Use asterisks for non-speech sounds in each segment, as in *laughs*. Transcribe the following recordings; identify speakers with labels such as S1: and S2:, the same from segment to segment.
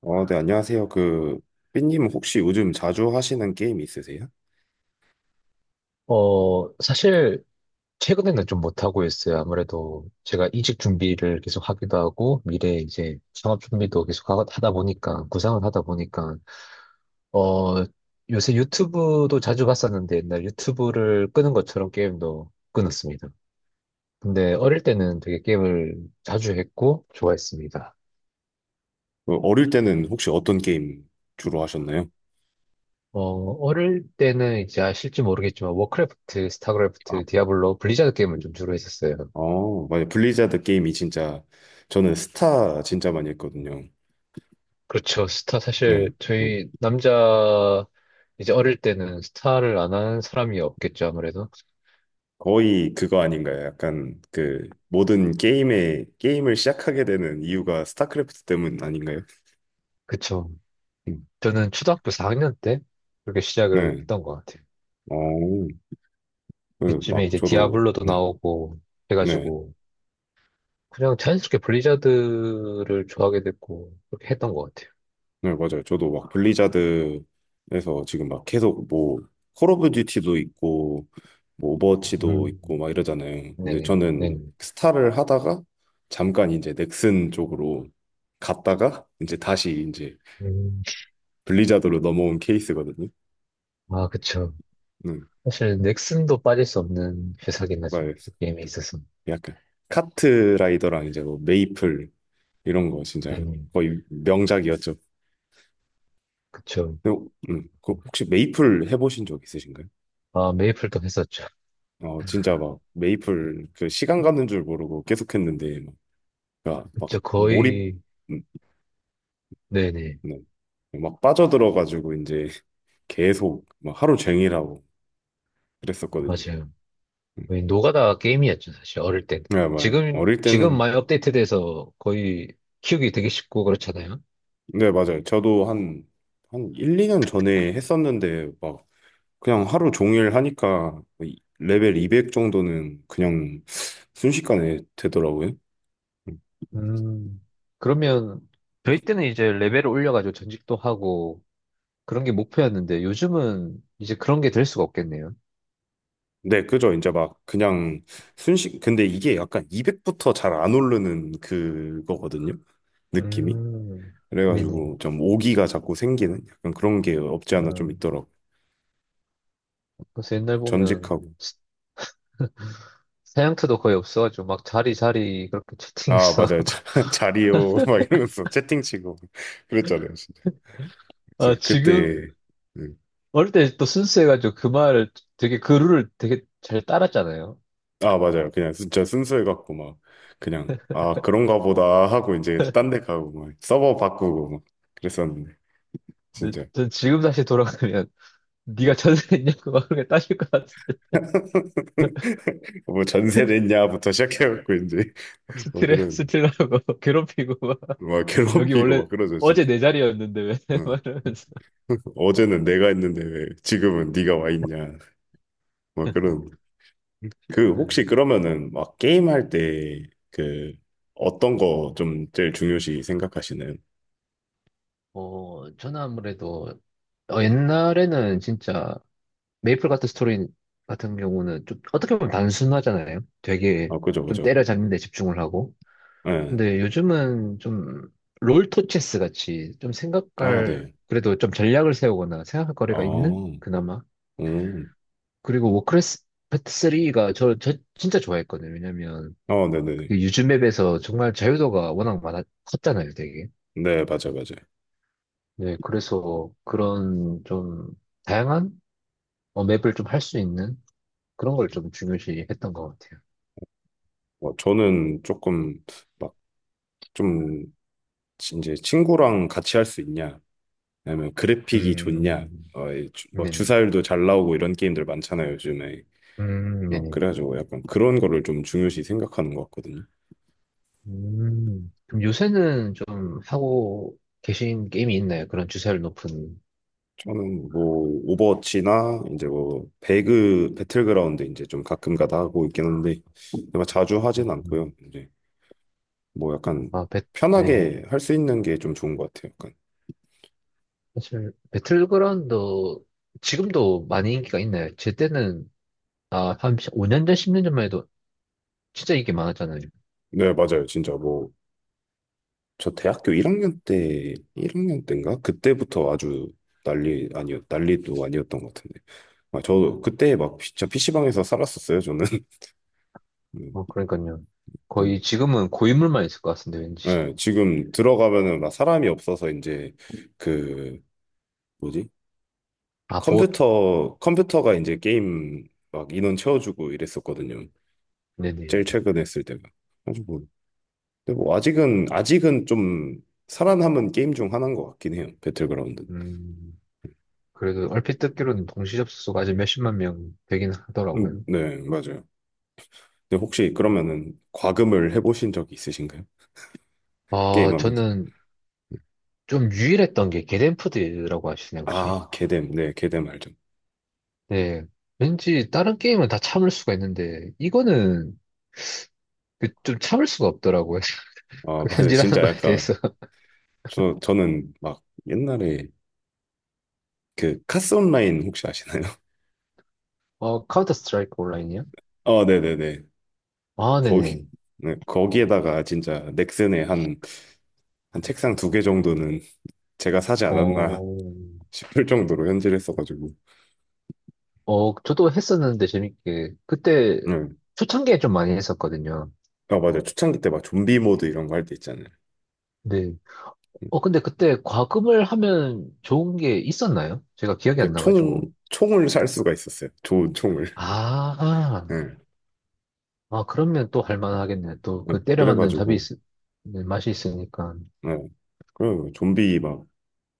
S1: 안녕하세요. 삐님 혹시 요즘 자주 하시는 게임 있으세요?
S2: 사실 최근에는 좀 못하고 있어요. 아무래도 제가 이직 준비를 계속 하기도 하고 미래 이제 창업 준비도 계속 하다 보니까 구상을 하다 보니까 어, 요새 유튜브도 자주 봤었는데 옛날 유튜브를 끄는 것처럼 게임도 끊었습니다. 근데 어릴 때는 되게 게임을 자주 했고 좋아했습니다.
S1: 어릴 때는 혹시 어떤 게임 주로 하셨나요?
S2: 어, 어릴 때는 이제 아실지 모르겠지만 워크래프트,
S1: 아,
S2: 스타크래프트, 디아블로, 블리자드 게임을 좀 주로 했었어요.
S1: 맞아요. 저는 스타 진짜 많이 했거든요.
S2: 그렇죠. 스타
S1: 네.
S2: 사실
S1: 음.
S2: 저희 남자, 이제 어릴 때는 스타를 안 한 사람이 없겠죠, 아무래도.
S1: 거의 그거 아닌가요? 약간 모든 게임을 시작하게 되는 이유가 스타크래프트 때문 아닌가요?
S2: 그쵸.
S1: 음.
S2: 저는 초등학교 4학년 때 그렇게 시작을
S1: 네.
S2: 했던 것 같아요.
S1: 어, 네,
S2: 그쯤에
S1: 막
S2: 이제
S1: 저도,
S2: 디아블로도
S1: 음,
S2: 나오고
S1: 네.
S2: 해가지고 그냥 자연스럽게 블리자드를 좋아하게 됐고 그렇게 했던 것 같아요.
S1: 네, 맞아요. 저도 막 블리자드에서 지금 막 계속 콜 오브 듀티도 있고, 오버워치도
S2: 음,
S1: 있고, 막 이러잖아요. 근데
S2: 네네,
S1: 저는
S2: 네네.
S1: 스타를 하다가 잠깐 이제 넥슨 쪽으로 갔다가 이제 다시 이제
S2: 음,
S1: 블리자드로 넘어온 케이스거든요.
S2: 아, 그쵸.
S1: 응
S2: 사실 넥슨도 빠질 수 없는 회사긴 하죠.
S1: 맞아요.
S2: 게임에
S1: 음,
S2: 있어서.
S1: 약간 카트라이더랑 이제 뭐 메이플 이런 거 진짜
S2: 네네,
S1: 거의 명작이었죠.
S2: 그쵸.
S1: 근데, 그 혹시 메이플 해보신 적 있으신가요?
S2: 아, 메이플도 했었죠.
S1: 진짜 막 메이플 그 시간 가는 줄 모르고 계속 했는데 막, 그러니까 막
S2: 진짜
S1: 몰입
S2: 거의,
S1: 음,
S2: 네네,
S1: 네. 막 빠져들어가지고 이제 *laughs* 계속 막 하루 종일 하고 그랬었거든요.
S2: 맞아요.
S1: 음.
S2: 거의 노가다 게임이었죠, 사실, 어릴 땐.
S1: 네, 맞아요.
S2: 지금,
S1: 어릴
S2: 지금
S1: 때는
S2: 많이 업데이트돼서 거의 키우기 되게 쉽고 그렇잖아요.
S1: 네, 맞아요. 저도 한 1, 2년 전에 했었는데 막 그냥 하루 종일 하니까 레벨 200 정도는 그냥 순식간에 되더라고요. 음.
S2: 음, 그러면 저희 때는 이제 레벨을 올려가지고 전직도 하고 그런 게 목표였는데 요즘은 이제 그런 게 될 수가 없겠네요.
S1: 네, 그죠. 이제 막 그냥 근데 이게 약간 200부터 잘 안 오르는 그거거든요. 느낌이.
S2: 음, 미니.
S1: 그래가지고 좀 오기가 자꾸 생기는 약간 그런 게 없지 않아
S2: 아,
S1: 좀 있더라고.
S2: 그래서 옛날 보면
S1: 전직하고.
S2: 사양트도 거의 없어가지고 막 자리 자리 그렇게
S1: 아,
S2: 채팅해서.
S1: 맞아요.
S2: *laughs*
S1: 자, *laughs* 자리요. 막 이러면서 채팅치고. *laughs* 그랬잖아요. 진짜.
S2: 아,
S1: 진짜
S2: 지금
S1: 그때. 음.
S2: 어릴 때 또 순수해가지고 그 말을 되게 그 룰을 되게 잘 따랐잖아요.
S1: 아, 맞아요. 그냥 진짜 순수해갖고 막 그냥 그런가 보다 하고 이제 딴데
S2: *laughs*
S1: 가고 막 서버 바꾸고 막 그랬었는데.
S2: 근데
S1: 진짜.
S2: 전 지금 다시 돌아가면 네가 전화했냐고 막 그렇게 따질 것 같은데
S1: *laughs* 뭐 전세
S2: *laughs*
S1: 냈냐부터 시작해갖고 이제
S2: 막
S1: *laughs* 막
S2: 스트레
S1: 그런
S2: 스트레하고 *laughs* 괴롭히고 막
S1: 막
S2: 여기
S1: 괴롭히고
S2: 원래
S1: 막 그러죠
S2: 어제
S1: 진짜.
S2: 내 자리였는데 왜 *laughs* 말
S1: 응.
S2: 면서
S1: 어제는 내가 했는데 왜 지금은 네가 와 있냐 막 그런. 그
S2: 네.
S1: 혹시 그러면은 막 게임할 때 그 어떤 거 좀 제일 중요시 생각하시는?
S2: 저는 아무래도 옛날에는 진짜 메이플 같은 스토리 같은 경우는 좀 어떻게 보면 단순하잖아요. 되게
S1: 아 그죠
S2: 좀
S1: 그죠.
S2: 때려잡는 데 집중을 하고.
S1: 네.
S2: 근데 요즘은 좀 롤토 체스 같이 좀
S1: 아
S2: 생각할,
S1: 네.
S2: 그래도 좀 전략을 세우거나 생각할 거리가 있는?
S1: 아
S2: 그나마.
S1: 음.
S2: 그리고 워크래프트 3가 저 진짜 좋아했거든요. 왜냐면
S1: 아 네네네.
S2: 그게 유즈맵에서 정말 자유도가 워낙 많아, 컸잖아요, 되게.
S1: 네 맞아 맞아.
S2: 네, 그래서 그런 좀 다양한 맵을 좀 할 수 있는 그런 걸 좀 중요시 했던 것 같아요.
S1: 뭐 저는 조금 막 좀 이제 친구랑 같이 할 수 있냐 왜냐면 그래픽이 좋냐,
S2: 음,
S1: 뭐
S2: 네네.
S1: 주사율도 잘 나오고 이런 게임들 많잖아요, 요즘에. 막
S2: 네네.
S1: 그래가지고 약간 그런 거를 좀 중요시 생각하는 것 같거든요.
S2: 그럼 요새는 좀 하고 계신 게임이 있나요? 그런 주사율 높은.
S1: 저는 뭐 오버워치나 이제 뭐 배그 배틀그라운드 이제 좀 가끔가다 하고 있긴 한데 내가 자주 하진
S2: 음,
S1: 않고요. 이제 뭐 약간
S2: 아, 네네.
S1: 편하게 할 수 있는 게 좀 좋은 것 같아요. 약간
S2: 사실, 배틀그라운드 지금도 많이 인기가 있나요? 제 때는, 아, 한 5년 전, 10년 전만 해도 진짜 인기 많았잖아요.
S1: 네 맞아요. 진짜 뭐 저 대학교 1학년 때인가 그때부터 아주 난리도 아니었던 것 같은데. 아, 저 그때 막 진짜 PC방에서 살았었어요, 저는. *laughs* 음,
S2: 그러니까요. 거의
S1: 음.
S2: 지금은 고인물만 있을 것 같은데, 왠지.
S1: 예, 지금 들어가면은 막 사람이 없어서 이제 그 뭐지?
S2: 아, 봇.
S1: 컴퓨터가 이제 게임 막 인원 채워주고 이랬었거든요.
S2: 네네.
S1: 제일 최근에 했을 때가. 아주 뭐. 근데 뭐 아직은 좀 살아남은 게임 중 하나인 것 같긴 해요. 배틀그라운드.
S2: 음, 그래도 얼핏 듣기로는 동시 접속수가 아직 몇십만 명 되긴 하더라고요.
S1: 네, 맞아요. 근데 혹시 그러면은 과금을 해보신 적이 있으신가요?
S2: 아,
S1: 게임하면서.
S2: 저는 좀 유일했던 게겟덴프드라고 하시나요, 혹시?
S1: 아, 개뎀. 네, 개뎀 알죠.
S2: 네. 왠지 다른 게임은 다 참을 수가 있는데, 이거는 그 좀 참을 수가 없더라고요. *laughs*
S1: 아,
S2: 그
S1: 맞아요.
S2: 현질하는
S1: 진짜
S2: 거에
S1: 약간
S2: 대해서.
S1: 저는 막 옛날에 그 카스 온라인 혹시 아시나요? *laughs*
S2: 카운터 스트라이크 온라인이요?
S1: 네네네.
S2: 아, 네네.
S1: 거기, 네, 거기에다가 진짜 넥슨에 한 책상 두 개 정도는 제가 사지 않았나
S2: 어,
S1: *laughs* 싶을 정도로 현질을 했어가지고.
S2: 저도 했었는데 재밌게. 그때
S1: 네.
S2: 초창기에 좀 많이 했었거든요.
S1: 아, 맞아요. 초창기 때 막 좀비 모드 이런 거 할 때 있잖아요.
S2: 네. 근데 그때 과금을 하면 좋은 게 있었나요? 제가 기억이 안
S1: 그 총,
S2: 나가지고.
S1: 총을 살 수가 있었어요. 좋은 총을.
S2: 아,
S1: 네.
S2: 아, 그러면 또 할 만하겠네. 또
S1: 네,
S2: 그 때려 맞는 잡이 있,
S1: 그래가지고,
S2: 네, 맛이 있으니까.
S1: 네. 그리고 좀비 막,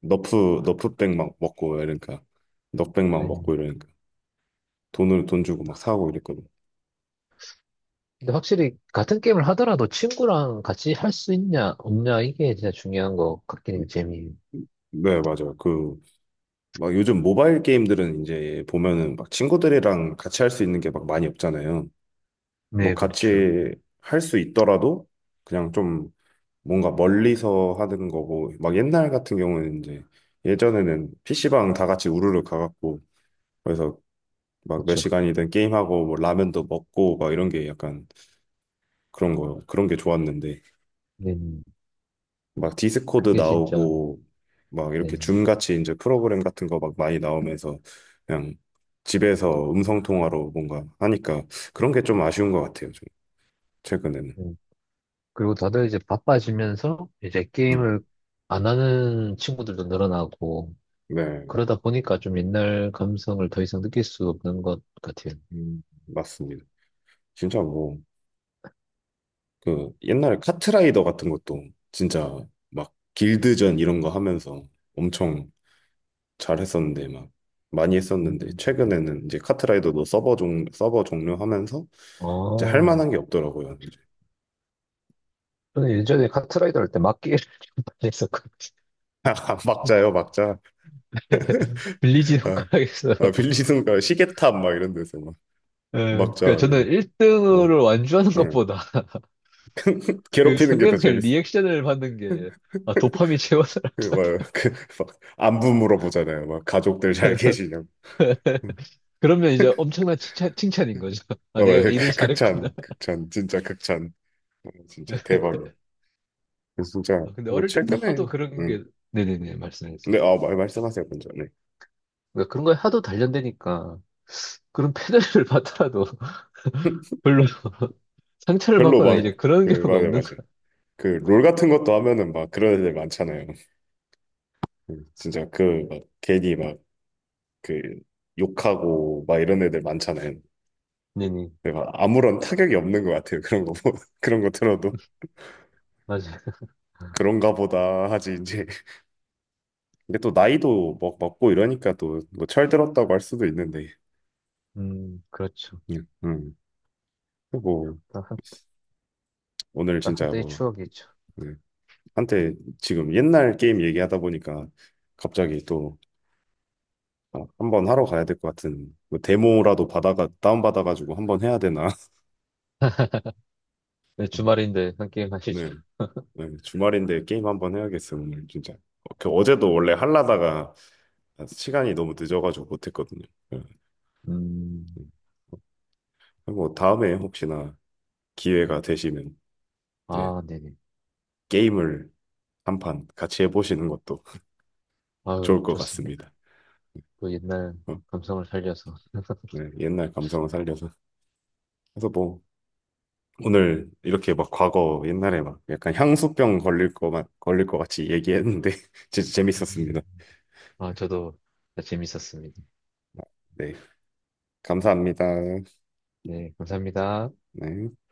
S1: 너프백 막 먹고 이러니까. 넉백 막
S2: 네.
S1: 먹고 이러니까. 돈 주고 막 사고 이랬거든.
S2: 근데 확실히 같은 게임을 하더라도 친구랑 같이 할 수 있냐, 없냐, 이게 진짜 중요한 것 같긴 해요, 재미.
S1: 네, 맞아요. 막 요즘 모바일 게임들은 이제 보면은 막 친구들이랑 같이 할 수 있는 게 막 많이 없잖아요. 뭐
S2: 네, 그렇죠.
S1: 같이 할 수 있더라도 그냥 좀 뭔가 멀리서 하는 거고, 막 옛날 같은 경우는 이제 예전에는 PC방 다 같이 우르르 가갖고, 그래서 막 몇
S2: 그렇죠.
S1: 시간이든 게임하고 뭐 라면도 먹고 막 이런 게 약간 그런 거, 그런 게 좋았는데
S2: 네,
S1: 막 디스코드
S2: 그게 진짜,
S1: 나오고 막
S2: 네.
S1: 이렇게 줌 같이 이제 프로그램 같은 거 막 많이 나오면서 그냥 집에서 음성 통화로 뭔가 하니까 그런 게 좀 아쉬운 것 같아요. 좀 최근에는.
S2: 네. 그리고 다들 이제 바빠지면서 이제
S1: 음,
S2: 게임을 안 하는 친구들도 늘어나고,
S1: 네,
S2: 그러다 보니까 좀 옛날 감성을 더 이상 느낄 수 없는 것 같아요.
S1: 맞습니다. 진짜 뭐 그 옛날에 카트라이더 같은 것도 진짜 막 길드전 이런 거 하면서 엄청 잘했었는데 막 많이 했었는데
S2: 음.
S1: 최근에는 이제 카트라이더도 서버 종료하면서 이제 할
S2: 아.
S1: 만한 게 없더라고요.
S2: 저는 예전에 카트라이더 할 때 막기를 *laughs* 좀 많이 했었거든요.
S1: *laughs* 막자요, 막자.
S2: *laughs* 빌리지
S1: 아,
S2: 손가락에서.
S1: 아, 빌리는 거 시계탑 막 이런 데서 막
S2: 예, 그러니까
S1: 막자.
S2: 저는
S1: 이 어,
S2: 1등을 완주하는
S1: 응.
S2: 것보다 그
S1: 괴롭히는 게 더
S2: 상대방의
S1: 재밌어.
S2: 리액션을 받는 게 아,
S1: *laughs*
S2: 도파민 채워서라.
S1: 막그막 안부 물어보잖아요. 막 가족들 잘 계시냐고. 응.
S2: *laughs* 그러면 이제 엄청난 칭찬, 칭찬인 거죠. 아,
S1: 아, 맞아요.
S2: 내가 일을 잘했구나.
S1: 진짜 극찬. 어, 진짜 대박이 진짜
S2: 아, 근데
S1: 뭐
S2: 어릴 때부터 하도
S1: 최근에,
S2: 그런
S1: 응.
S2: 게, 네네네, 말씀해주세요.
S1: 근데 아, 말 말씀하세요, 먼저. 네.
S2: 그러니까 그런 거에 하도 단련되니까 그런 패널을 *laughs* 받더라도 별로 상처를
S1: 별로
S2: 받거나
S1: 막
S2: 이제 그런 경우가
S1: 맞아요,
S2: 없는
S1: 맞아요.
S2: 거.
S1: 그 롤 같은 것도 하면은 막 그런 애들 많잖아요. 응. 진짜 그 막 괜히 막 그 욕하고 막 이런 애들 많잖아요.
S2: 네네,
S1: 근데 막 아무런 타격이 없는 것 같아요. *laughs* 그런 거 들어도
S2: 맞아요.
S1: 그런가 보다 하지 이제. 근데 또 나이도 막 먹고 이러니까 또 뭐 철들었다고 할 수도 있는데.
S2: 그렇죠.
S1: 음. 음. 뭐 오늘
S2: 다
S1: 진짜
S2: 한때의
S1: 뭐
S2: 추억이죠.
S1: 네. 한때 지금 옛날 게임 얘기하다 보니까 갑자기 또 한번 하러 가야 될 것 같은 뭐 데모라도 받아가 다운 받아가지고 한번 해야 되나.
S2: 네,
S1: *laughs*
S2: 주말인데 한 게임 하시죠.
S1: 네. 네, 주말인데 게임 한번 해야겠어, 오늘 진짜. 어제도 원래 하려다가 시간이 너무 늦어가지고 못했거든요. 네,
S2: 음,
S1: 음. 뭐 다음에 혹시나 기회가 되시면 네,
S2: 아, 네네.
S1: 게임을 한 판 같이 해보시는 것도 *laughs*
S2: 아유,
S1: 좋을 것
S2: 좋습니다.
S1: 같습니다.
S2: 그 옛날
S1: 어,
S2: 감성을 살려서.
S1: 네, 옛날 감성을 살려서. 그래서 뭐 오늘 이렇게 막 과거 옛날에 막 약간 향수병 걸릴 것 같- 걸릴 것 같이 얘기했는데 *laughs* 진짜
S2: 음,
S1: 재밌었습니다.
S2: 아, 저도 재밌었습니다.
S1: 네, 감사합니다.
S2: 네, 감사합니다.
S1: 네.